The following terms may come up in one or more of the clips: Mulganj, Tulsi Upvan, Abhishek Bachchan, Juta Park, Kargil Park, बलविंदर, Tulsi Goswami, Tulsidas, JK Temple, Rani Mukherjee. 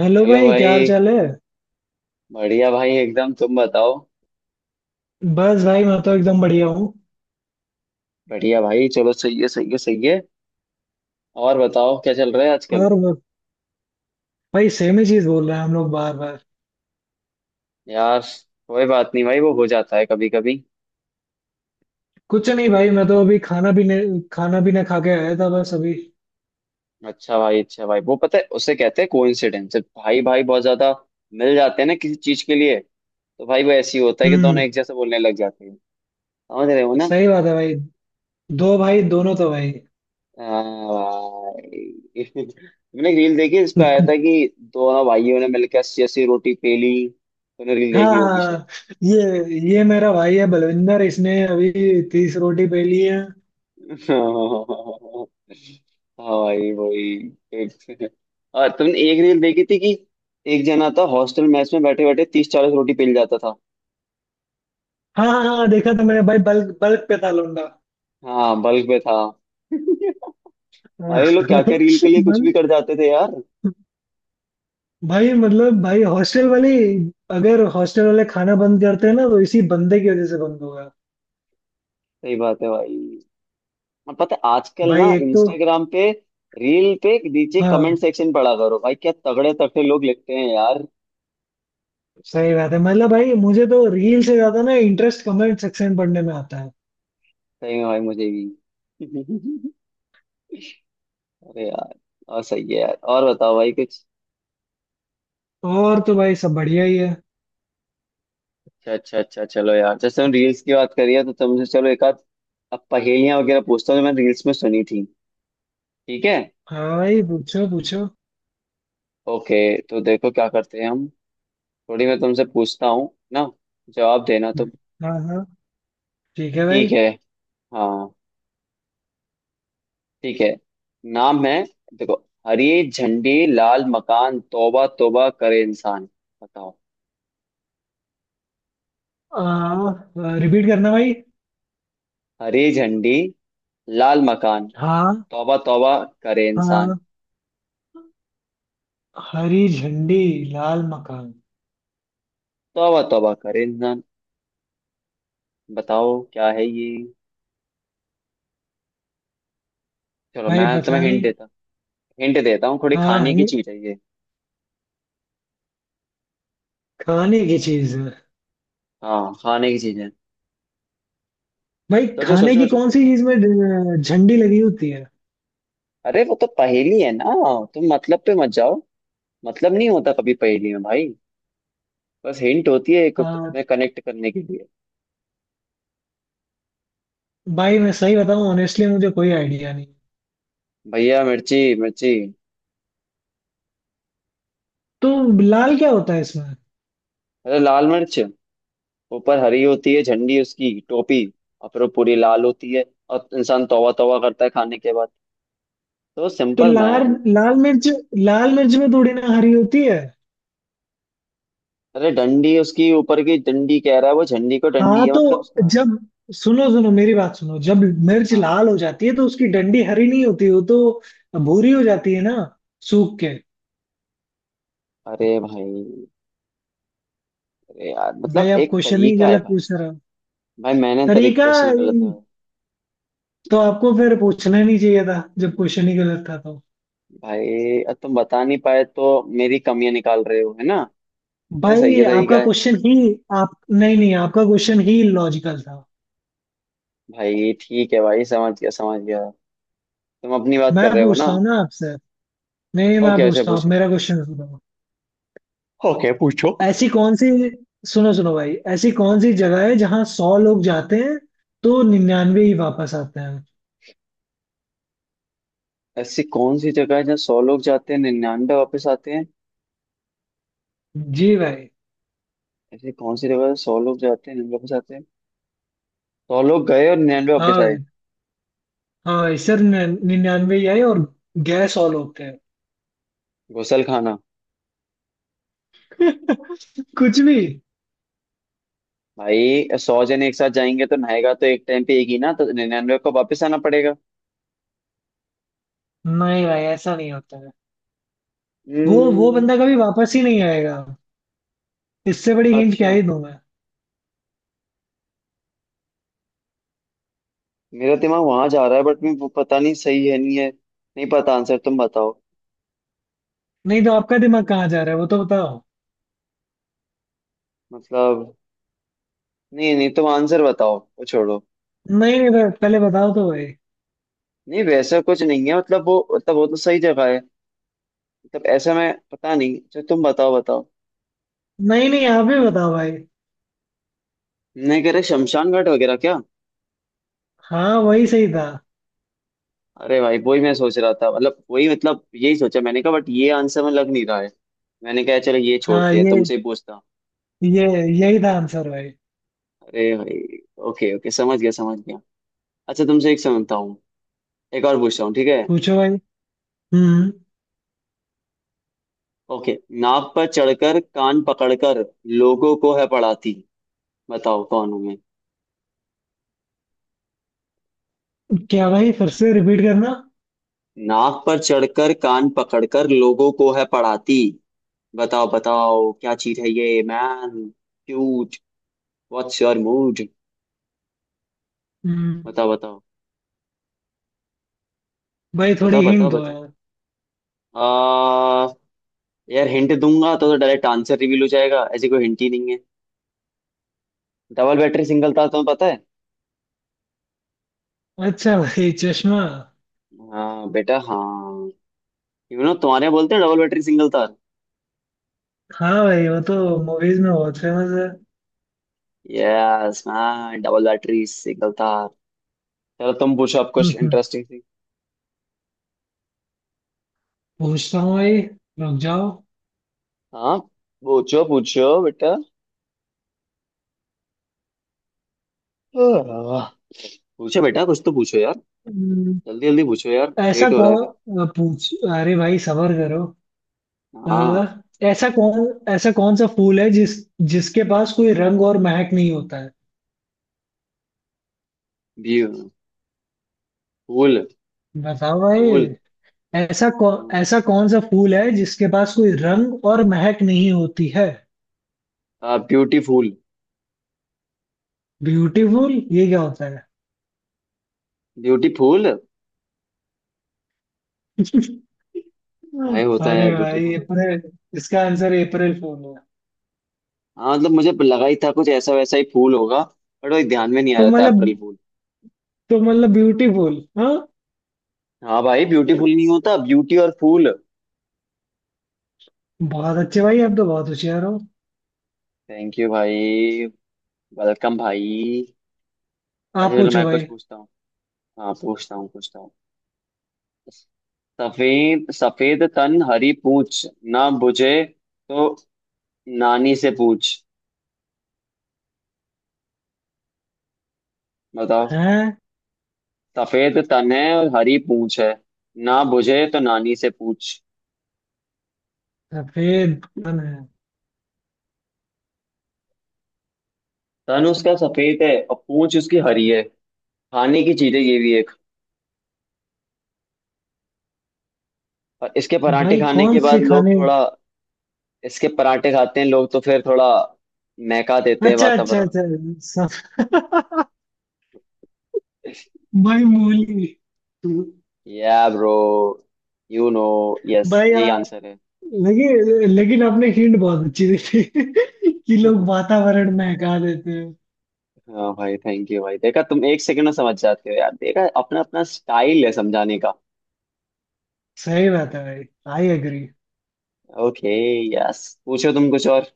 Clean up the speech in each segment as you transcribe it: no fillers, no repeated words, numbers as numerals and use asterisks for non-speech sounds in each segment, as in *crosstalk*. Hello hello भाई, क्या हाल भाई। चाल है। बढ़िया भाई एकदम, तुम बताओ। बस भाई, मैं तो एकदम बढ़िया हूँ। बढ़िया भाई चलो, सही है सही है सही है। और बताओ क्या चल रहा है आजकल। पर वो- भाई सेम ही चीज बोल रहे हैं हम लोग बार बार। यार, कोई बात नहीं भाई, वो हो जाता है कभी कभी। कुछ नहीं भाई, मैं तो अभी खाना भी नहीं खाना भी ना खा के आया था बस अभी। अच्छा भाई, अच्छा भाई, वो पता है उसे कहते हैं कोइंसिडेंस, भाई भाई बहुत ज्यादा मिल जाते हैं ना किसी चीज के लिए, तो भाई वो ऐसे ही होता है कि दोनों हम्म। एक जैसे बोलने लग जाते हैं। समझ रहे हो ना। सही बात है भाई। दो भाई, दोनों तो भाई। हाँ भाई *laughs* मैंने एक रील देखी, इस पे आया था *laughs* कि दोनों भाइयों ने मिलकर 80 80 रोटी पेली, तुमने रील हाँ देखी होगी। हाँ। ये मेरा भाई है बलविंदर, इसने अभी 30 रोटी पे ली है। हाँ भाई वही। एक और तुमने एक रील देखी थी कि एक जना था हॉस्टल मेस में बैठे बैठे 30 40 रोटी पेल जाता था। हाँ हाँ हाँ, देखा था मैंने भाई, बल्क बल्क पे था लौंडा। हाँ बल्क पे था *laughs* *laughs* हाँ। भाई ये लोग क्या क्या रील के लिए कुछ भी मन। कर जाते थे यार। भाई, मतलब भाई हॉस्टल वाले, अगर हॉस्टल वाले खाना बंद करते हैं ना तो इसी बंदे की वजह से बंद होगा। सही बात है भाई। और पता है आजकल भाई ना एक तो। इंस्टाग्राम पे रील पे नीचे कमेंट हाँ। सेक्शन पढ़ा करो भाई, क्या तगड़े तगड़े लोग लिखते हैं यार। सही बात है, मतलब भाई मुझे तो रील से ज्यादा ना इंटरेस्ट कमेंट सेक्शन पढ़ने में आता है। सही में भाई, मुझे भी *laughs* अरे यार, और सही है यार, और बताओ भाई कुछ। और तो भाई सब बढ़िया ही है। अच्छा अच्छा अच्छा, चलो यार जैसे हम रील्स की बात करी है तो तुमसे चलो एक आध अब पहेलियां वगैरह पूछता हूँ जो मैंने रील्स में सुनी थी। ठीक है। हाँ भाई, पूछो पूछो। ओके। तो देखो क्या करते हैं हम। थोड़ी मैं तुमसे पूछता हूँ ना, जवाब देना तुम। हाँ हाँ, ठीक है भाई। ठीक है। हाँ, ठीक है। नाम है। देखो, हरी झंडी लाल मकान, तौबा तौबा करे इंसान। बताओ। आ, रिपीट करना भाई। हरी झंडी लाल मकान हाँ तौबा तौबा करे इंसान, हाँ। हरी झंडी, लाल मकान। तौबा तौबा करे इंसान। बताओ क्या है ये। चलो भाई मैं पता तुम्हें हिंट नहीं। देता हिंट देता हूँ थोड़ी, हाँ, खाने की ये चीज है ये। खाने की चीज है। हाँ, खाने की चीज है। भाई सोचो सोचो खाने की सोचो। कौन सी चीज में झंडी लगी होती है। अरे वो तो पहेली है ना, तुम मतलब पे मत जाओ। मतलब नहीं होता कभी पहेली में भाई, बस हिंट होती है एक, आ, में कनेक्ट करने के लिए। भाई मैं सही बताऊं, ऑनेस्टली मुझे कोई आइडिया नहीं। भैया मिर्ची मिर्ची। तो लाल क्या होता है इसमें। अरे लाल मिर्च, ऊपर हरी होती है झंडी उसकी टोपी, और फिर वो पूरी लाल होती है, और इंसान तौबा तौबा करता है खाने के बाद, तो तो सिंपल लाल मैन। लाल मिर्च। लाल मिर्च में थोड़ी ना हरी होती है। अरे डंडी, उसकी ऊपर की डंडी कह रहा है वो, झंडी को डंडी हाँ है मतलब तो, उसका। जब सुनो सुनो मेरी बात सुनो, जब मिर्च हाँ। लाल हो जाती है तो उसकी डंडी हरी नहीं होती, वो तो भूरी हो जाती है ना, सूख के। अरे भाई, अरे यार भाई मतलब आप एक क्वेश्चन ही तरीका है गलत भाई। पूछ रहे हो। भाई मैंने तरीका, तरीकों से निकलते हैं। तो आपको फिर पूछना ही नहीं चाहिए था जब क्वेश्चन ही गलत था तो। भाई अब तुम बता नहीं पाए तो मेरी कमियां निकाल रहे हो है ना। ये सही भाई है आपका तरीका है। क्वेश्चन ही आप, नहीं नहीं, आपका क्वेश्चन ही लॉजिकल था। भाई ठीक है भाई, समझ गया समझ गया। तुम अपनी बात मैं कर रहे हो ना। पूछता हूँ ना आपसे, नहीं नहीं, मैं ओके ऐसे पूछता हूँ, आप पूछो। मेरा क्वेश्चन सुनो। ओके पूछो। ऐसी कौन सी सुनो सुनो भाई, ऐसी कौन सी जगह है जहाँ 100 लोग जाते हैं तो 99 ही वापस आते हैं। ऐसी कौन सी जगह है जहाँ 100 लोग जाते हैं 99 वापस आते हैं। जी भाई। ऐसी कौन सी जगह है 100 लोग जाते हैं निन्यानवे वापस आते हैं। 100 लोग गए और 99 हाँ वापस आए। भाई, हाँ भाई सर, 99 ही आए और गए, 100 लोग थे। गुसल खाना। *laughs* कुछ भी। भाई 100 जने एक साथ जाएंगे तो नहाएगा तो एक टाइम पे एक ही ना, तो 99 को वापस आना पड़ेगा। नहीं भाई, ऐसा नहीं होता है। वो हम्म। बंदा कभी वापस ही नहीं आएगा। इससे बड़ी हिंट क्या अच्छा। ही दूं मैं। मेरा दिमाग वहां जा रहा है बट मैं वो पता नहीं सही है नहीं है। नहीं पता आंसर, तुम बताओ। नहीं, तो आपका दिमाग कहाँ जा रहा है वो तो बताओ। मतलब, नहीं नहीं तुम आंसर बताओ, वो छोड़ो। नहीं नहीं, तो पहले बताओ तो भाई। नहीं वैसा कुछ नहीं है, मतलब वो तो सही जगह है, मतलब ऐसा मैं पता नहीं, अच्छा तुम बताओ बताओ। नहीं नहीं, आप ही बताओ भाई। नहीं कह रहे शमशान घाट वगैरह क्या। हाँ, वही सही था। अरे भाई वही मैं सोच रहा था, मतलब वही मतलब यही सोचा, मैंने कहा बट ये आंसर में लग नहीं रहा है, मैंने कहा चलो ये हाँ, छोड़ते हैं तुमसे ही पूछता हूँ। ये यही था आंसर भाई। अरे भाई। ओके ओके समझ गया समझ गया। अच्छा तुमसे एक समझता हूँ, एक और पूछता हूँ, ठीक है। पूछो भाई। हम्म। ओके, नाव पर चढ़कर कान पकड़कर लोगों को है पढ़ाती, बताओ कौन हूं मैं। क्या भाई, फिर से रिपीट करना। नाव पर चढ़कर कान पकड़कर लोगों को है पढ़ाती। बताओ बताओ क्या चीज है ये man. Cute. What's your mood. Hmm बताओ बताओ। भाई थोड़ी बताओ बताओ हिंट दो बताओ। यार। आ यार हिंट दूंगा तो डायरेक्ट आंसर रिवील हो जाएगा, ऐसी कोई हिंट ही नहीं है। डबल बैटरी सिंगल तार, तुम्हें पता है। अच्छा भाई, चश्मा। हाँ बेटा, हाँ, यू नो तुम्हारे यहाँ बोलते हैं डबल बैटरी सिंगल तार। हाँ भाई, वो तो मूवीज में बहुत फेमस है। Yes man, double battery single तार। चलो तुम पूछो आप कुछ हम्म, इंटरेस्टिंग सी। पूछता हूँ भाई, रुक जाओ। हाँ पूछो पूछो बेटा। आह, पूछो बेटा कुछ तो पूछो यार। हम्म, जल्दी जल्दी पूछो यार, ऐसा लेट हो रहा है फिर। कौन पूछ अरे भाई सबर करो। आ, हाँ, ऐसा कौन सा फूल है जिसके पास कोई रंग और महक नहीं होता है, ब्यूटीफुल। बताओ भाई। फूल। फूल। ऐसा कौन सा फूल है जिसके पास कोई रंग और महक नहीं होती है। हाँ, ब्यूटीफुल। ब्यूटीफुल ये क्या होता है। ब्यूटीफुल। *laughs* अरे भाई होता है भाई ब्यूटीफुल होता है। अप्रैल, इसका आंसर अप्रैल फूल है। हाँ मतलब मुझे लगा ही था कुछ ऐसा वैसा ही फूल होगा बट वही ध्यान में नहीं आ तो रहा था, मतलब अप्रैल फूल। तो मतलब ब्यूटीफुल, हाँ। हाँ भाई ब्यूटीफुल नहीं होता, ब्यूटी और फूल। बहुत अच्छे भाई, आप तो बहुत होशियार हो। थैंक यू भाई। वेलकम भाई। अच्छा आप चलो पूछो मैं कुछ भाई। पूछता हूँ। हाँ पूछता हूँ पूछता हूँ। सफेद सफेद तन हरी पूछ, ना बुझे तो नानी से पूछ। बताओ। हैं? सफेद तन है और हरी पूछ है, ना बुझे तो नानी से पूछ। सफेद कौन है? तन उसका सफेद है और पूछ उसकी हरी है। खाने की चीज है ये भी एक। और इसके पराठे भाई खाने कौन के से बाद लोग खाने? थोड़ा, इसके पराठे खाते हैं लोग तो फिर थोड़ा महका देते हैं अच्छा अच्छा वातावरण को। अच्छा। सब। *laughs* *laughs* भाई मूली। या ब्रो, यू नो यस, भाई यही यार, आंसर लेकिन लेकिन आपने हिंट बहुत अच्छी दी थी *laughs* कि है। लोग *laughs* वातावरण महका देते हैं। हाँ भाई थैंक यू भाई, देखा तुम एक सेकंड में समझ जाते हो यार, देखा अपना अपना स्टाइल है समझाने का। सही बात है भाई, आई एग्री। ओके। यस पूछो तुम कुछ और।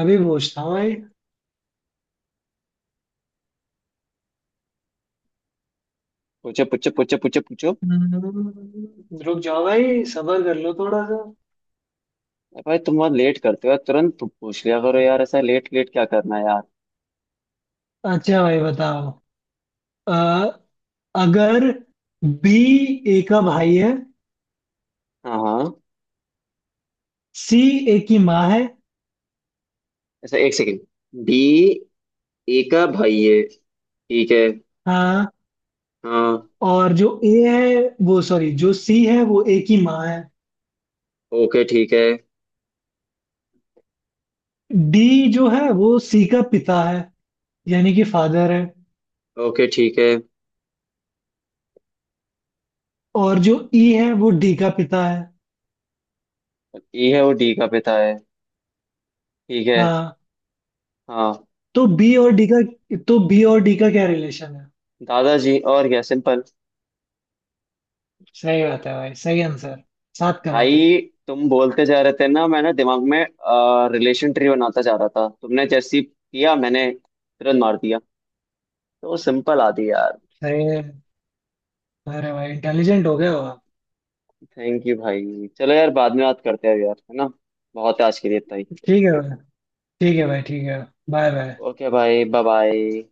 अभी पूछता हूँ भाई। पूछो पूछो पूछो पूछो पूछो। रुक जाओ भाई, सबर कर लो थोड़ा सा। अरे भाई तुम बहुत लेट करते हो, तुरंत तुम पूछ लिया करो यार, ऐसा लेट लेट क्या करना है यार। अच्छा भाई, बताओ। अ, अगर बी ए का भाई है, हाँ। हाँ। सी ए की माँ है, ऐसा, एक सेकंड। डी, ए का भाई है ठीक है। हाँ, हाँ। और जो ए है वो, सॉरी, जो सी है वो ए की माँ है, ओके ठीक है। डी जो है वो सी का पिता है यानी कि फादर है, ओके ठीक है। और जो ई है वो डी का पिता है, ई है वो डी का पिता है, ठीक है। हाँ, हाँ। तो बी और डी का तो बी और डी का क्या रिलेशन है। दादाजी, और क्या, सिंपल। सही बात है भाई, सही आंसर। 7 करोड़। भाई तुम बोलते जा रहे थे ना, मैंने दिमाग में रिलेशन ट्री बनाता जा रहा था, तुमने जैसी किया मैंने तुरंत मार दिया, तो सिंपल आती यार। सही है। अरे भाई, इंटेलिजेंट हो गए हो आप। थैंक यू भाई, चलो यार बाद में बात करते हैं यार, है ना। बहुत है आज के लिए इतना ही। ठीक है भाई, ठीक है भाई, ठीक है। Bye bye. ओके भाई, बाय बाय।